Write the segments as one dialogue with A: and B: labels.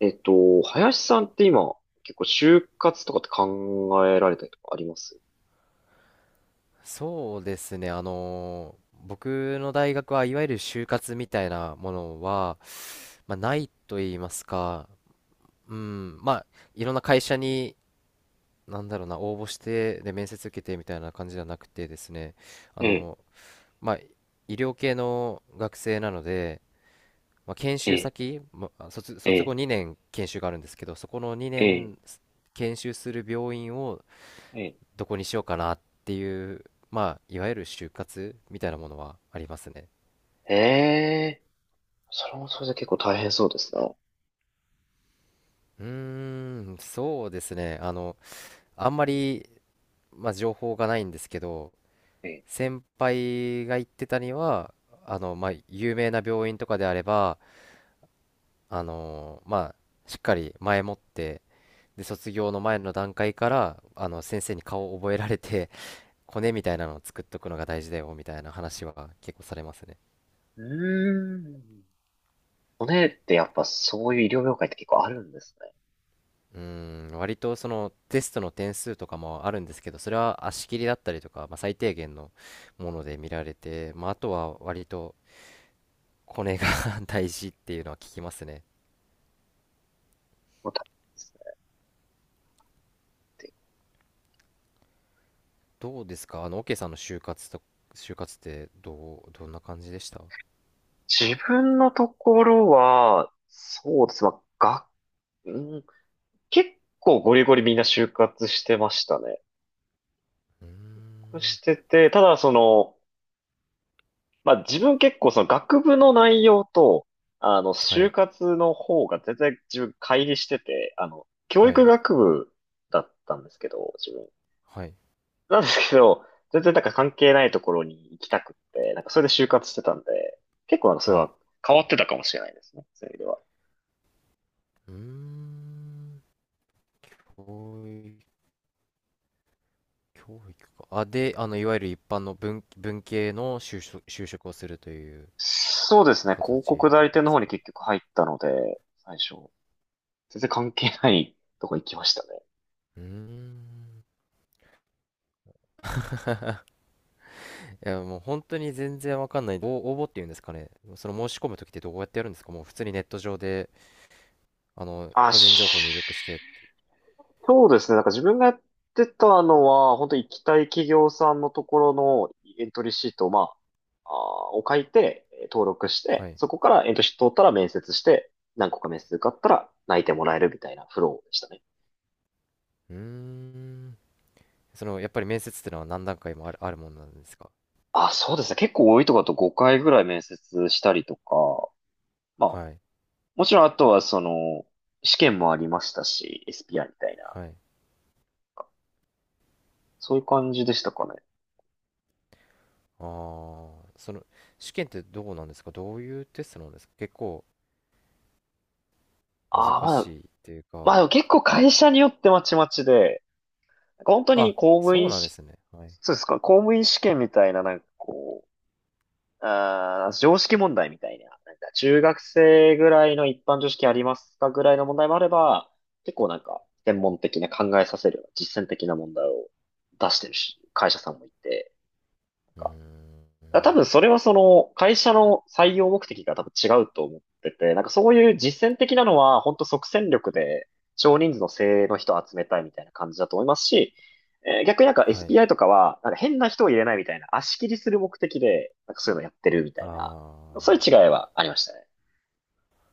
A: 林さんって今、結構就活とかって考えられたりとかあります？
B: そうですね、僕の大学はいわゆる就活みたいなものは、ないと言いますか、うん、まあいろんな会社になんだろうな応募して面接受けてみたいな感じじゃなくてですね、あ
A: ええ、
B: のまあ医療系の学生なので、まあ、研
A: え
B: 修
A: え、
B: 先、まあ、
A: え
B: 卒後
A: え、
B: 2年研修があるんですけど、そこの2年研修する病院を
A: ええ
B: どこにしようかなっていう、まあ、いわゆる就活みたいなものはありますね。
A: ええ。それもそれで結構大変そうですな。
B: うーん、そうですね。あんまり、まあ、情報がないんですけど、
A: え、ええ、
B: 先輩が言ってたには、まあ、有名な病院とかであれば、あの、まあ、しっかり前もって、で、卒業の前の段階から、先生に顔を覚えられて、コネみたいなのを作っとくのが大事だよ、みたいな話は結構されますね。
A: うーん。骨ってやっぱそういう医療業界って結構あるんですね。
B: うん、割とそのテストの点数とかもあるんですけど、それは足切りだったりとか、まあ、最低限のもので見られて、まあ、あとは割とコネが 大事っていうのは聞きますね。
A: もう大変ですねっていう。
B: どうですか、オケさんの就活と、就活ってどう、どんな感じでした？う
A: 自分のところは、そうです。まあ、が、うん、結構ゴリゴリみんな就活してましたね。
B: ーん、
A: してて、ただその、まあ自分結構その学部の内容と、あの、
B: は
A: 就
B: い、
A: 活の方が全然自分乖離してて、あの、教
B: は
A: 育
B: い、
A: 学部だったんですけど、自分。
B: はい、
A: なんですけど、全然なんか関係ないところに行きたくって、なんかそれで就活してたんで、結構あの、それ
B: はい。
A: は変わってたかもしれないですね、そういう意味では。
B: うーん、教育、教育か。あ、で、あの、いわゆる一般の文系の就職をするという
A: そうですね、広
B: 形
A: 告代
B: なん
A: 理
B: で
A: 店の
B: す
A: 方に
B: か？
A: 結局入ったので、最初、全然関係ないとこ行きましたね。
B: うーん。いや、もう本当に全然わかんない。応募っていうんですかね。その申し込むときってどうやってやるんですか？もう普通にネット上で、あの、
A: あ、
B: 個人情報入力してって。
A: そうですね。なんか自分がやってたのは、本当に行きたい企業さんのところのエントリーシートを、まあ、を書いて、登録し
B: は
A: て、
B: い。
A: そこからエントリーシート通ったら面接して、何個か面接受かったら内定もらえるみたいなフローでしたね。
B: うーん。その、やっぱり面接ってのは何段階もあるもんなんですか？
A: あ、そうですね。結構多いとこだと5回ぐらい面接したりとか、まあ、
B: はい。
A: もちろんあとはその、試験もありましたし、s p r みたいな、
B: はい。
A: そういう感じでしたかね。
B: ああ、その、試験ってどうなんですか？どういうテストなんですか？結構難
A: ああ、まあ、
B: しいっていう
A: まあ
B: か。
A: でも結構会社によってまちまちで、なんか本当に
B: あ、
A: 公務
B: そう
A: 員
B: なんで
A: し、
B: すね。はい。
A: そうですか、公務員試験みたいな、なんかこう、常識問題みたいな、なんか中学生ぐらいの一般常識ありますかぐらいの問題もあれば、結構なんか専門的な考えさせるような実践的な問題を出してるし、会社さんもいて、なん
B: うー
A: か、だから多
B: ん。
A: 分それはその会社の採用目的が多分違うと思ってて、なんかそういう実践的なのは本当即戦力で少人数の精鋭の人を集めたいみたいな感じだと思いますし、逆になんか
B: はい。
A: SPI とかはなんか変な人を入れないみたいな足切りする目的でなんかそういうのやってるみた
B: あ
A: いな、そういう違い
B: あ。
A: はありましたね。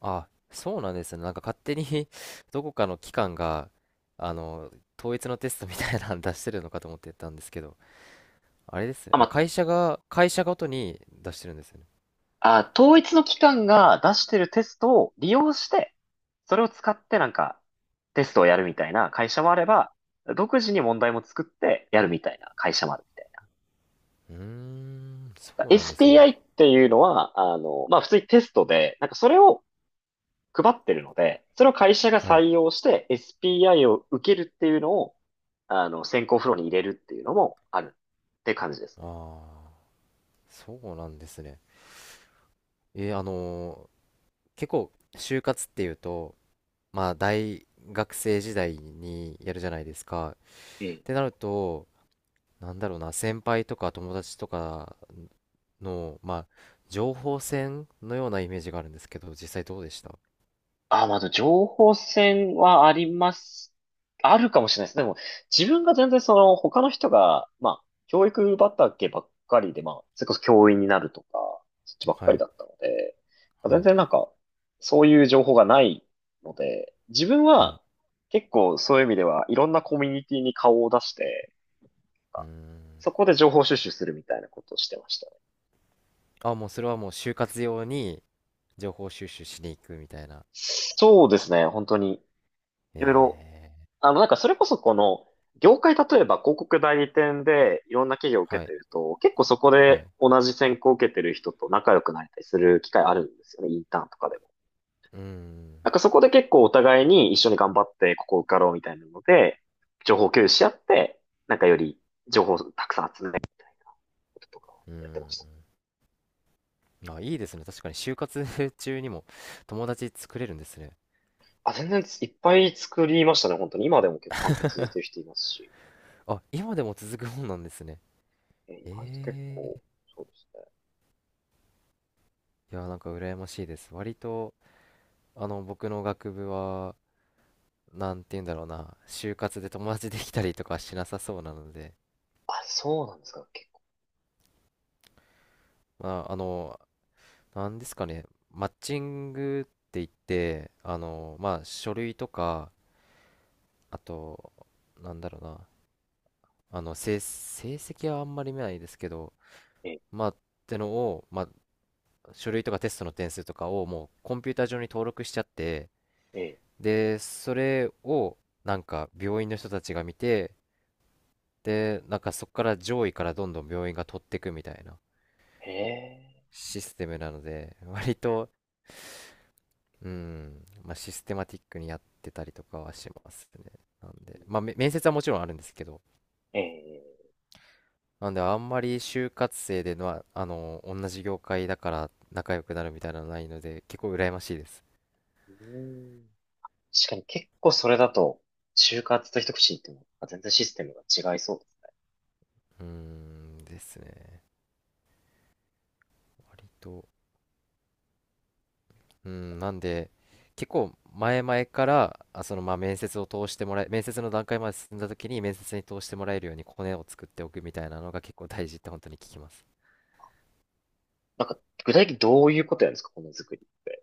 B: あ、そうなんですね。なんか勝手に どこかの機関が、あの、統一のテストみたいなの出してるのかと思ってたんですけど、あれですね。
A: あ、ま
B: あ、
A: あ、
B: 会社ごとに出してるんですよね。
A: あ、統一の機関が出してるテストを利用して、それを使ってなんかテストをやるみたいな会社もあれば、独自に問題も作ってやるみたいな会社もあるみたい
B: うーん、そ
A: な。
B: うなんですね。
A: SPI っていうのは、あの、まあ、普通にテストで、なんかそれを配ってるので、それを会社が
B: はい。
A: 採用して SPI を受けるっていうのを、あの、選考フローに入れるっていうのもあるって感じです
B: あ
A: ね。
B: あ、そうなんですね。えーあのー結構、就活っていうと、まあ、大学生時代にやるじゃないですか。っ
A: え
B: て
A: え、
B: なると、なんだろうな、先輩とか友達とかの、まあ、情報戦のようなイメージがあるんですけど、実際どうでした？
A: あ、まあ、でも情報戦はあります。あるかもしれないです。でも、自分が全然その、他の人が、まあ、教育畑ばっかりで、まあ、それこそ教員になるとか、そっちばっか
B: は
A: り
B: い、
A: だったので、まあ
B: は
A: 全
B: い、
A: 然なんか、そういう情報がないので、自分
B: はい。
A: は結構そういう意味では、いろんなコミュニティに顔を出して、
B: うー
A: そ
B: ん。
A: こで情報収集するみたいなことをしてましたね。
B: あ、もうそれはもう就活用に情報収集しに行くみたいな。
A: そうですね、本当に。いろいろ
B: え
A: あの、なんかそれこそこの、業界例えば広告代理店でいろんな企業を
B: ー、
A: 受
B: は
A: けて
B: い、
A: ると、結構そこ
B: はい。
A: で
B: う
A: 同じ選考を受けてる人と仲良くなれたりする機会あるんですよね、インターンとかでも。
B: ーん、
A: なんかそこで結構お互いに一緒に頑張ってここ受かろうみたいなので、情報共有し合って、なんかより情報をたくさん集めることとかを
B: うー
A: やってました。
B: ん。あ、いいですね。確かに就活 中にも友達作れるんですね。
A: あ、全然いっぱい作りましたね、本当に。今でも結構完結してる人いますし。
B: あ、今でも続くもんなんですね。
A: え、意外と結
B: え
A: 構、そうですね。
B: ー、いや、なんか羨ましいです。割と、あの、僕の学部は、なんて言うんだろうな、就活で友達できたりとかしなさそうなので、
A: あ、そうなんですか、結構。
B: まあ、あの、なんですかね、マッチングって言って、あの、まあ、書類とか、あと、なんだろうな、あの、成績はあんまり見ないですけど、
A: ええ、
B: まあ、ってのを、まあ、書類とかテストの点数とかをもうコンピューター上に登録しちゃって、
A: ええ、
B: で、それを、なんか、病院の人たちが見て、で、なんかそこから上位からどんどん病院が取っていくみたいな
A: へえ。
B: システムなので、割と、うん、まあ、システマティックにやってたりとかはしますね。なんで、まあ、面接はもちろんあるんですけど、
A: ええ、
B: なんで、あんまり就活生でのは、あの、同じ業界だから仲良くなるみたいなのはないので、結構羨ましいです。
A: うーん。確かに結構それだと、就活と一口に言っても、あ、全然システムが違いそうですね。
B: うーん、ですね。割と、うん、なんで、結構前々から、あ、その、まあ、面接を通してもらえ、面接の段階まで進んだ時に面接に通してもらえるようにコネを作っておくみたいなのが結構大事って本当に聞きます。
A: なんか、具体的にどういうことやるんですか、この作りって。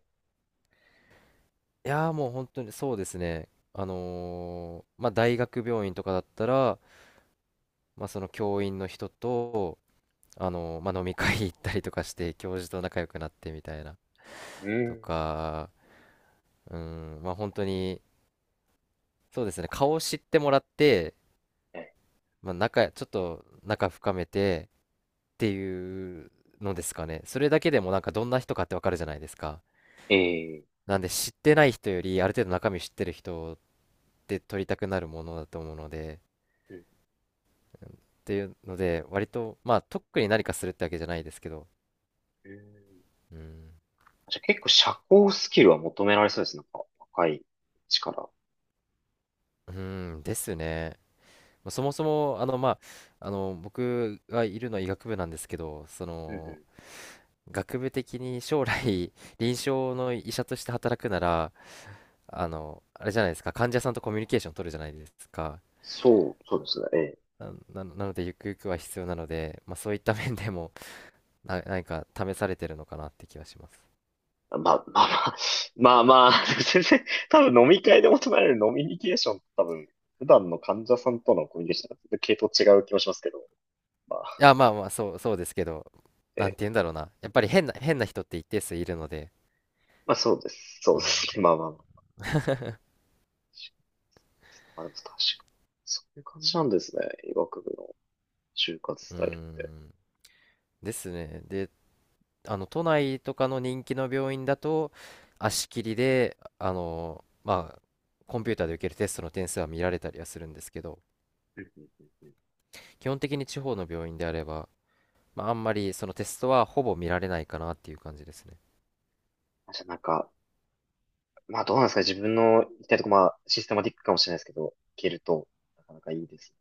B: いやー、もう本当にそうですね。まあ大学病院とかだったら、まあその教員の人と、まあ飲み会行ったりとかして、教授と仲良くなってみたいな。
A: う
B: と
A: ん。
B: か、うん、まあ本当に、そうですね、顔を知ってもらって、
A: え
B: まあ仲、ちょっと仲深めてっていうのですかね。それだけでもなんかどんな人かってわかるじゃないですか。
A: え、ええ、
B: なんで知ってない人より、ある程度中身知ってる人って取りたくなるものだと思うので、
A: うん、
B: っていうので、割と、まあ、特に何かするってわけじゃないですけど、
A: うん、
B: うん、
A: じゃあ結構社交スキルは求められそうですね、なんか若い力。
B: うーんですね。まあそもそも、あの、まあ、あの、僕がいるのは医学部なんですけど、そ
A: うん、う
B: の、
A: ん、
B: 学部的に将来、臨床の医者として働くなら、あの、あれじゃないですか、患者さんとコミュニケーション取るじゃないですか。
A: そう、そうですね。ええ、
B: な、なので、ゆくゆくは必要なので、まあ、そういった面でも、何か試されてるのかなって気はします。
A: まあまあまあ、まあまあ、全然、多分飲み会で求められる飲みニケーションって多分、普段の患者さんとのコミュニケーションと全然系統違う気もしますけど、ま
B: い
A: あ、
B: や、まあまあ、そうですけど、なん
A: ええ、
B: て言うんだろうな。やっぱり変な人って一定数いるので、
A: まあそうです。そう
B: う
A: で
B: ん、
A: すね。まあまあまあ。まあでも確かに。そういう感じなんですね。医学部の就活ス
B: うー
A: タイルって。
B: ん、ですね。で、あの、都内とかの人気の病院だと、足切りで、あの、まあ、コンピューターで受けるテストの点数は見られたりはするんですけど、
A: うん、うん、うん、うん、
B: 基本的に地方の病院であれば、まあ、あんまりそのテストはほぼ見られないかなっていう感じですね。
A: あ、じゃあなんか、まあどうなんですかね、自分の行きたいとこ、まあシステマティックかもしれないですけど、行けると、なかなかいいです。